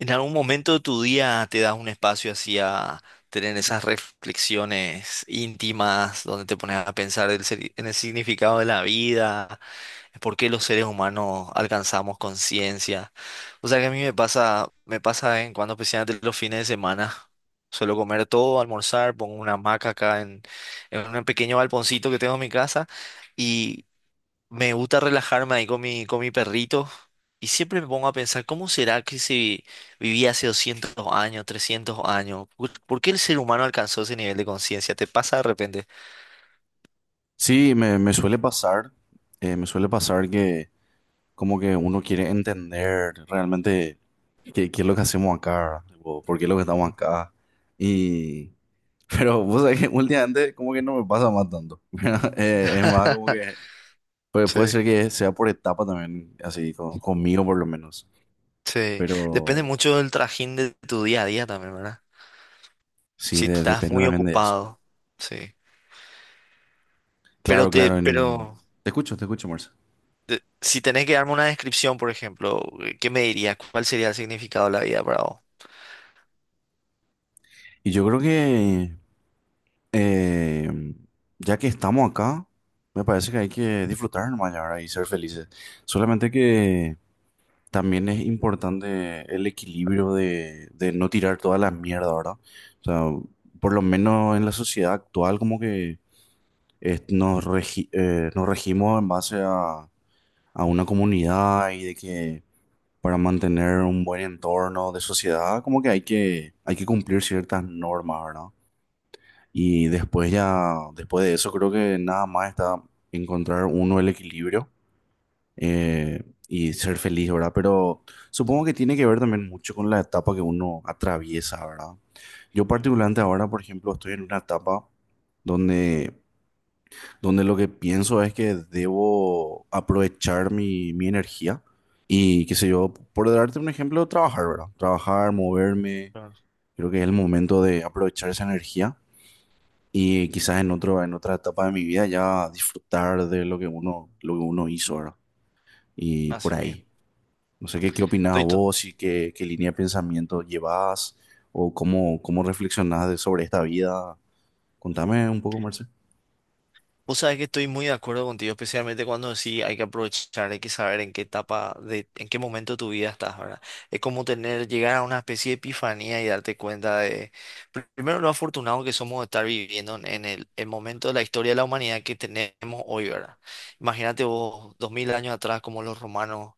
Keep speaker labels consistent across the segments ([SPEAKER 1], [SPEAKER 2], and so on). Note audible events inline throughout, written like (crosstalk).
[SPEAKER 1] ¿En algún momento de tu día te das un espacio así a tener esas reflexiones íntimas donde te pones a pensar en el significado de la vida, por qué los seres humanos alcanzamos conciencia? O sea que a mí me pasa de vez en cuando, especialmente los fines de semana. Suelo comer todo, almorzar, pongo una hamaca en un pequeño balponcito que tengo en mi casa, me gusta relajarme ahí con mi perrito y siempre me pongo a pensar, ¿cómo será que si vivía hace 200 años, 300 años? ¿Por qué el ser humano alcanzó ese nivel de conciencia? ¿Te pasa de repente?
[SPEAKER 2] Sí, me suele pasar, me suele pasar que como que uno quiere entender realmente qué es lo que hacemos acá, o por qué es lo que estamos
[SPEAKER 1] Ujú.
[SPEAKER 2] acá. Y, (laughs) pero vos sabés que últimamente como que no me pasa más tanto. (laughs) ¿Verdad? Es más como que
[SPEAKER 1] (laughs)
[SPEAKER 2] pues puede
[SPEAKER 1] Sí,
[SPEAKER 2] ser que sea por etapa también, así conmigo por lo menos.
[SPEAKER 1] sí. Depende
[SPEAKER 2] Pero
[SPEAKER 1] mucho del trajín de tu día a día también, ¿verdad?
[SPEAKER 2] sí,
[SPEAKER 1] Si estás
[SPEAKER 2] depende
[SPEAKER 1] muy
[SPEAKER 2] también de eso.
[SPEAKER 1] ocupado, sí. Pero
[SPEAKER 2] Claro,
[SPEAKER 1] te,
[SPEAKER 2] claro, en...
[SPEAKER 1] pero
[SPEAKER 2] Te escucho, Marcia.
[SPEAKER 1] si tenés que darme una descripción, por ejemplo, ¿qué me dirías? ¿Cuál sería el significado de la vida para vos?
[SPEAKER 2] Y yo creo que... Eh, ya que estamos acá, me parece que hay que disfrutar nomás ya, ¿verdad?, y ser felices. Solamente que también es importante el equilibrio de no tirar toda la mierda, ¿verdad? O sea, por lo menos en la sociedad actual como que nos regimos en base a una comunidad y de que para mantener un buen entorno de sociedad como que hay que cumplir ciertas normas, ¿verdad? Y después ya, después de eso creo que nada más está encontrar uno el equilibrio eh, y ser feliz, ¿verdad? Pero supongo que tiene que ver también mucho con la etapa que uno atraviesa, ¿verdad? Yo
[SPEAKER 1] Ujú,
[SPEAKER 2] particularmente ahora, por ejemplo, estoy en una etapa donde, donde lo que pienso es que debo aprovechar mi energía y, qué sé yo, por darte un ejemplo, trabajar, ¿verdad? Trabajar, moverme,
[SPEAKER 1] claro.
[SPEAKER 2] creo que es el momento de aprovechar esa energía y quizás en otro, en otra etapa de mi vida ya disfrutar de lo que uno hizo, ¿verdad? Y por
[SPEAKER 1] Así mismo.
[SPEAKER 2] ahí. No sé qué opinás
[SPEAKER 1] Estoy, to-
[SPEAKER 2] vos y qué línea de pensamiento llevás o cómo, cómo reflexionás sobre esta vida. Contame un poco, Marce.
[SPEAKER 1] Vos sabés que estoy muy de acuerdo contigo, especialmente cuando sí hay que aprovechar, hay que saber en qué etapa, en qué momento de tu vida estás, ¿verdad? Es como tener, llegar a una especie de epifanía y darte cuenta de, primero lo afortunado que somos de estar viviendo el momento de la historia de la humanidad que tenemos hoy, ¿verdad? Imagínate vos, 2000 años atrás, como los romanos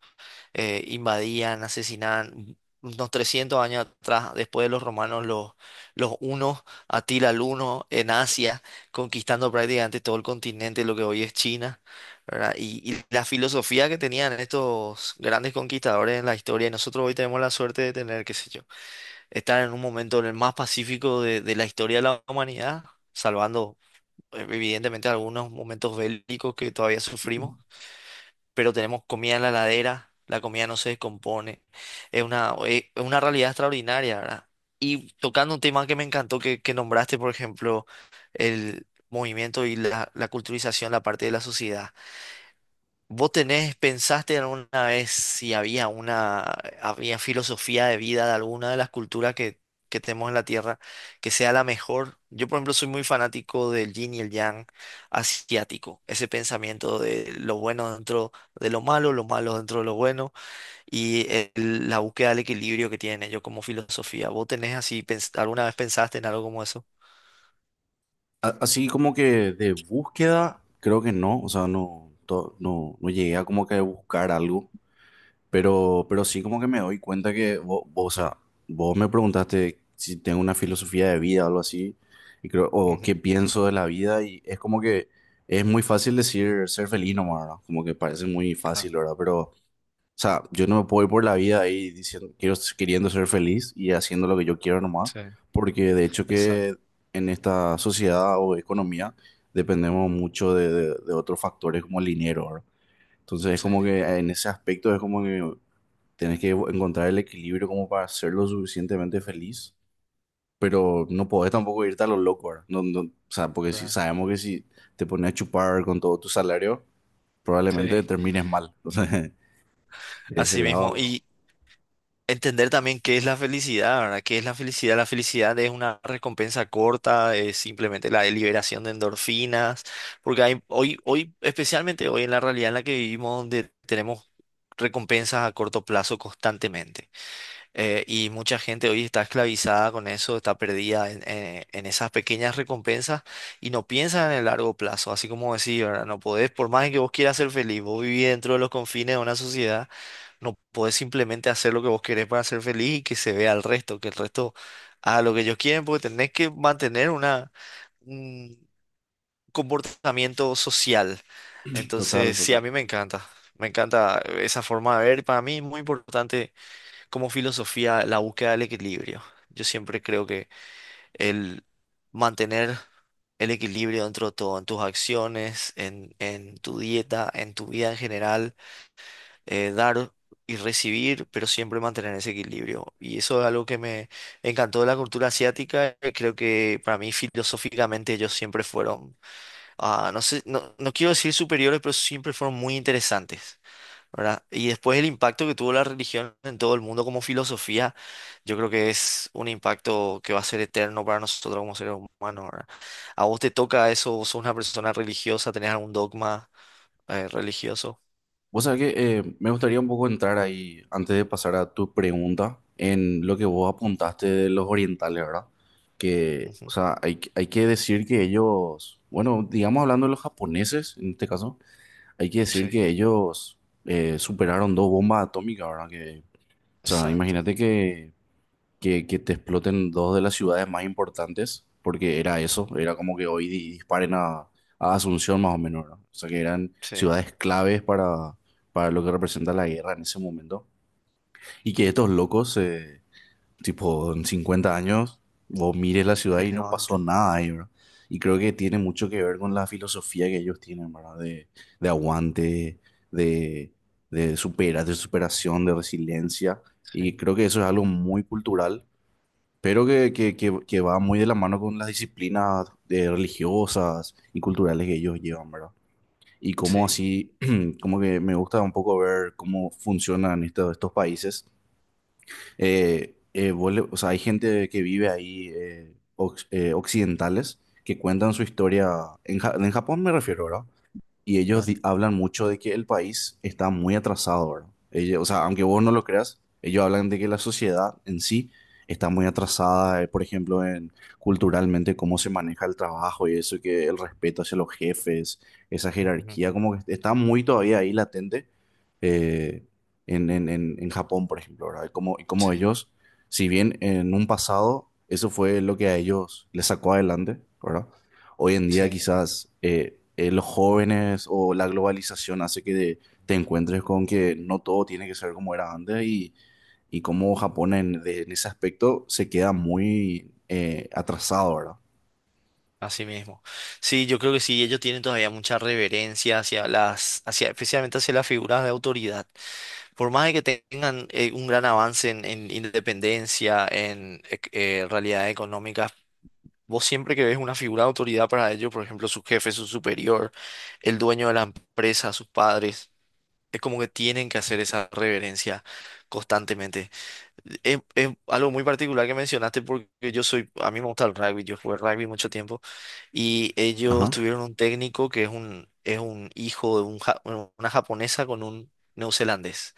[SPEAKER 1] invadían, asesinaban. Unos 300 años atrás, después de los romanos, los hunos, Atila el Huno, en Asia, conquistando prácticamente todo el continente, lo que hoy es China, ¿verdad? Y la filosofía que tenían estos grandes conquistadores en la historia, y nosotros hoy tenemos la suerte de tener, qué sé yo, estar en un momento en el más pacífico de la historia de la humanidad, salvando evidentemente algunos momentos bélicos que todavía sufrimos, pero tenemos comida en la heladera, la comida no se descompone. Es una realidad extraordinaria, ¿verdad? Y tocando un tema que me encantó que nombraste, por ejemplo, el movimiento la culturización, la parte de la sociedad. ¿Vos tenés, pensaste alguna vez si había filosofía de vida de alguna de las culturas que tenemos en la Tierra que sea la mejor? Yo, por ejemplo, soy muy fanático del yin y el yang asiático, ese pensamiento de lo bueno dentro de lo malo dentro de lo bueno y la búsqueda del equilibrio que tienen ellos como filosofía. ¿Vos tenés así, alguna vez pensaste en algo como eso?
[SPEAKER 2] Así como que de búsqueda, creo que no, o sea, no, no llegué a como que buscar algo. Pero sí como que me doy cuenta que vos, o sea, vos me preguntaste si tengo una filosofía de vida o algo así, y creo, o
[SPEAKER 1] Ujú,
[SPEAKER 2] qué pienso de la vida, y es como que es muy fácil decir ser feliz nomás, ¿verdad? Como que parece muy
[SPEAKER 1] claro,
[SPEAKER 2] fácil, ¿verdad? Pero, o sea, yo no me puedo ir por la vida ahí diciendo, quiero, queriendo ser feliz y haciendo lo que yo quiero nomás,
[SPEAKER 1] sí,
[SPEAKER 2] porque de hecho que
[SPEAKER 1] exacto,
[SPEAKER 2] en esta sociedad o economía dependemos mucho de, de otros factores como el dinero, ¿verdad? Entonces es
[SPEAKER 1] sí,
[SPEAKER 2] como que en ese aspecto es como que tenés que encontrar el equilibrio como para ser lo suficientemente feliz, pero no podés tampoco irte a lo loco, ¿verdad? No, no, o sea, porque si
[SPEAKER 1] claro,
[SPEAKER 2] sabemos que si te pones a chupar con todo tu salario,
[SPEAKER 1] sí.
[SPEAKER 2] probablemente termines mal. (laughs) Entonces, de ese
[SPEAKER 1] Así mismo.
[SPEAKER 2] lado,
[SPEAKER 1] Entender también qué es la felicidad, ¿verdad? ¿Qué es la felicidad? La felicidad es una recompensa corta, es simplemente la liberación de endorfinas, porque hoy, especialmente hoy en la realidad en la que vivimos, donde tenemos recompensas a corto plazo constantemente. Y mucha gente hoy está esclavizada con eso, está perdida en esas pequeñas recompensas y no piensa en el largo plazo, así como decía, ¿verdad? No podés, por más que vos quieras ser feliz, vos vivís dentro de los confines de una sociedad, no podés simplemente hacer lo que vos querés para ser feliz y que se vea al resto, que el resto haga lo que ellos quieren, porque tenés que mantener un comportamiento social.
[SPEAKER 2] (clears throat) total,
[SPEAKER 1] Entonces, sí, a
[SPEAKER 2] total.
[SPEAKER 1] mí me encanta esa forma de ver, para mí es muy importante como filosofía la búsqueda del equilibrio. Yo siempre creo que el mantener el equilibrio dentro de todo, en tus acciones, en tu dieta, en tu vida en general, dar y recibir, pero siempre mantener ese equilibrio. Y eso es algo que me encantó de la cultura asiática. Creo que para mí filosóficamente ellos siempre fueron, no sé, no quiero decir superiores, pero siempre fueron muy interesantes. ¿Verdad? Y después el impacto que tuvo la religión en todo el mundo como filosofía, yo creo que es un impacto que va a ser eterno para nosotros como seres humanos, ¿verdad? ¿A vos te toca eso? ¿Vos sos una persona religiosa? ¿Tenés algún dogma religioso?
[SPEAKER 2] Vos sabés que me gustaría un poco entrar ahí, antes de pasar a tu pregunta, en lo que vos apuntaste de los orientales, ¿verdad? Que, o
[SPEAKER 1] Ujú.
[SPEAKER 2] sea, hay que decir que ellos, bueno, digamos hablando de los japoneses, en este caso, hay que decir
[SPEAKER 1] Sí,
[SPEAKER 2] que ellos superaron dos bombas atómicas, ¿verdad? Que, o sea,
[SPEAKER 1] exacto.
[SPEAKER 2] imagínate que, que te exploten dos de las ciudades más importantes, porque era eso, era como que hoy disparen a Asunción más o menos, ¿verdad? O sea, que eran
[SPEAKER 1] Sí,
[SPEAKER 2] ciudades claves para lo que representa la guerra en ese momento. Y que estos locos tipo, en 50 años, vos mires la ciudad y no pasó
[SPEAKER 1] relevante.
[SPEAKER 2] nada ahí, ¿verdad? Y creo que tiene mucho que ver con la filosofía que ellos tienen, ¿verdad? De aguante, de, de superación, de resiliencia.
[SPEAKER 1] Sí,
[SPEAKER 2] Y creo que eso es algo muy cultural, pero que va muy de la mano con las disciplinas religiosas y culturales que ellos llevan, ¿verdad? Y como
[SPEAKER 1] sí,
[SPEAKER 2] así, (clears throat) como que me gusta un poco ver cómo funcionan estos países vos o sea, hay gente que vive ahí, occidentales, que cuentan su historia, en Japón me refiero, ¿verdad? Y ellos
[SPEAKER 1] claro.
[SPEAKER 2] hablan mucho de que el país está muy atrasado, ¿verdad? O sea, aunque vos no lo creas, ellos hablan de que la sociedad en sí está muy atrasada, por ejemplo, en culturalmente cómo se maneja el trabajo y eso, que el respeto hacia los jefes, esa
[SPEAKER 1] Ujú.
[SPEAKER 2] jerarquía, como que está muy todavía ahí latente eh, en Japón, por ejemplo, ¿verdad? Y como
[SPEAKER 1] Sí,
[SPEAKER 2] ellos, si bien en un pasado eso fue lo que a ellos les sacó adelante, ¿verdad? Hoy en día
[SPEAKER 1] sí.
[SPEAKER 2] quizás los jóvenes o la globalización hace que te encuentres con que no todo tiene que ser como era antes y como Japón en, en ese aspecto se queda muy atrasado, ¿verdad?
[SPEAKER 1] Así mismo. Sí, yo creo que sí, ellos tienen todavía mucha reverencia hacia, especialmente hacia las figuras de autoridad. Por más de que tengan un gran avance en independencia, realidad económica, vos siempre que ves una figura de autoridad para ellos, por ejemplo, su jefe, su superior, el dueño de la empresa, sus padres, es como que tienen que hacer esa reverencia constantemente. Es algo muy particular que mencionaste porque yo soy, a mí me gusta el rugby, yo jugué rugby mucho tiempo y ellos
[SPEAKER 2] Ajá.
[SPEAKER 1] tuvieron un técnico que es es un hijo de un bueno, una japonesa con un neozelandés.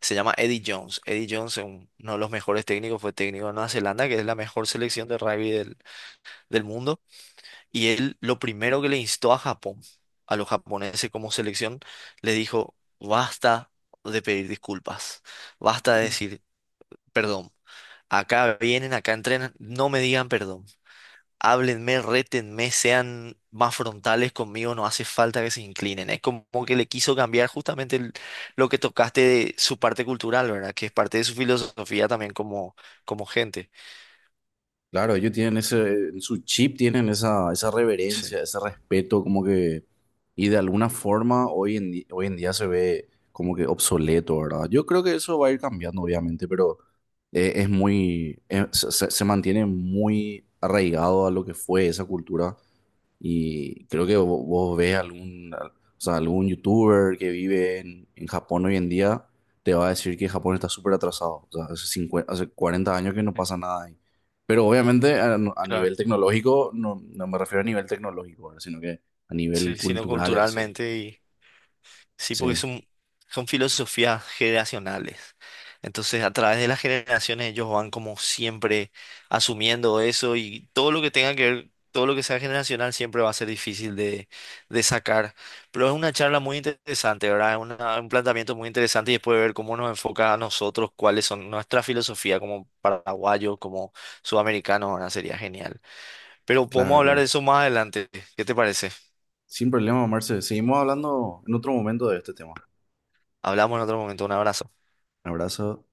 [SPEAKER 1] Se llama Eddie Jones. Eddie Jones es uno de los mejores técnicos, fue técnico de Nueva Zelanda, que es la mejor selección de rugby del mundo. Y él lo primero que le instó a Japón, a los japoneses como selección, le dijo, basta de pedir disculpas, basta de decir perdón. Acá vienen, acá entrenan, no me digan perdón. Háblenme, rétenme, sean más frontales conmigo, no hace falta que se inclinen. Es como que le quiso cambiar justamente lo que tocaste de su parte cultural, ¿verdad? Que es parte de su filosofía también como, como gente.
[SPEAKER 2] Claro, ellos tienen ese, en su chip tienen esa, esa
[SPEAKER 1] Sí,
[SPEAKER 2] reverencia, ese respeto, como que, y de alguna forma hoy en, hoy en día se ve como que obsoleto, ¿verdad? Yo creo que eso va a ir cambiando, obviamente, pero es muy, se, se- se mantiene muy arraigado a lo que fue esa cultura y creo que vos, ves algún, o sea, algún youtuber que vive en Japón hoy en día, te va a decir que Japón está súper atrasado. O sea, hace 50 hace 40 años que no
[SPEAKER 1] eh,
[SPEAKER 2] pasa nada ahí. Pero obviamente a, no, a
[SPEAKER 1] claro.
[SPEAKER 2] nivel tecnológico, no, no me refiero a nivel tecnológico, ¿verdad?, sino que a nivel
[SPEAKER 1] Sí, sino
[SPEAKER 2] cultural en sí.
[SPEAKER 1] culturalmente. Sí, porque
[SPEAKER 2] Sí,
[SPEAKER 1] son, son filosofías generacionales. Entonces, a través de las generaciones, ellos van como siempre asumiendo eso y todo lo que tenga que ver, todo lo que sea generacional siempre va a ser difícil de sacar. Pero es una charla muy interesante, ¿verdad? Es un planteamiento muy interesante y después ver cómo nos enfoca a nosotros, cuáles son nuestra filosofía como paraguayos, como sudamericanos, ¿verdad? Sería genial. Pero podemos
[SPEAKER 2] claro,
[SPEAKER 1] hablar de
[SPEAKER 2] claro.
[SPEAKER 1] eso más adelante. ¿Qué te parece?
[SPEAKER 2] Sin problema, Marce. Seguimos hablando en otro momento de este tema.
[SPEAKER 1] Hablamos en otro momento. Un abrazo.
[SPEAKER 2] Un abrazo.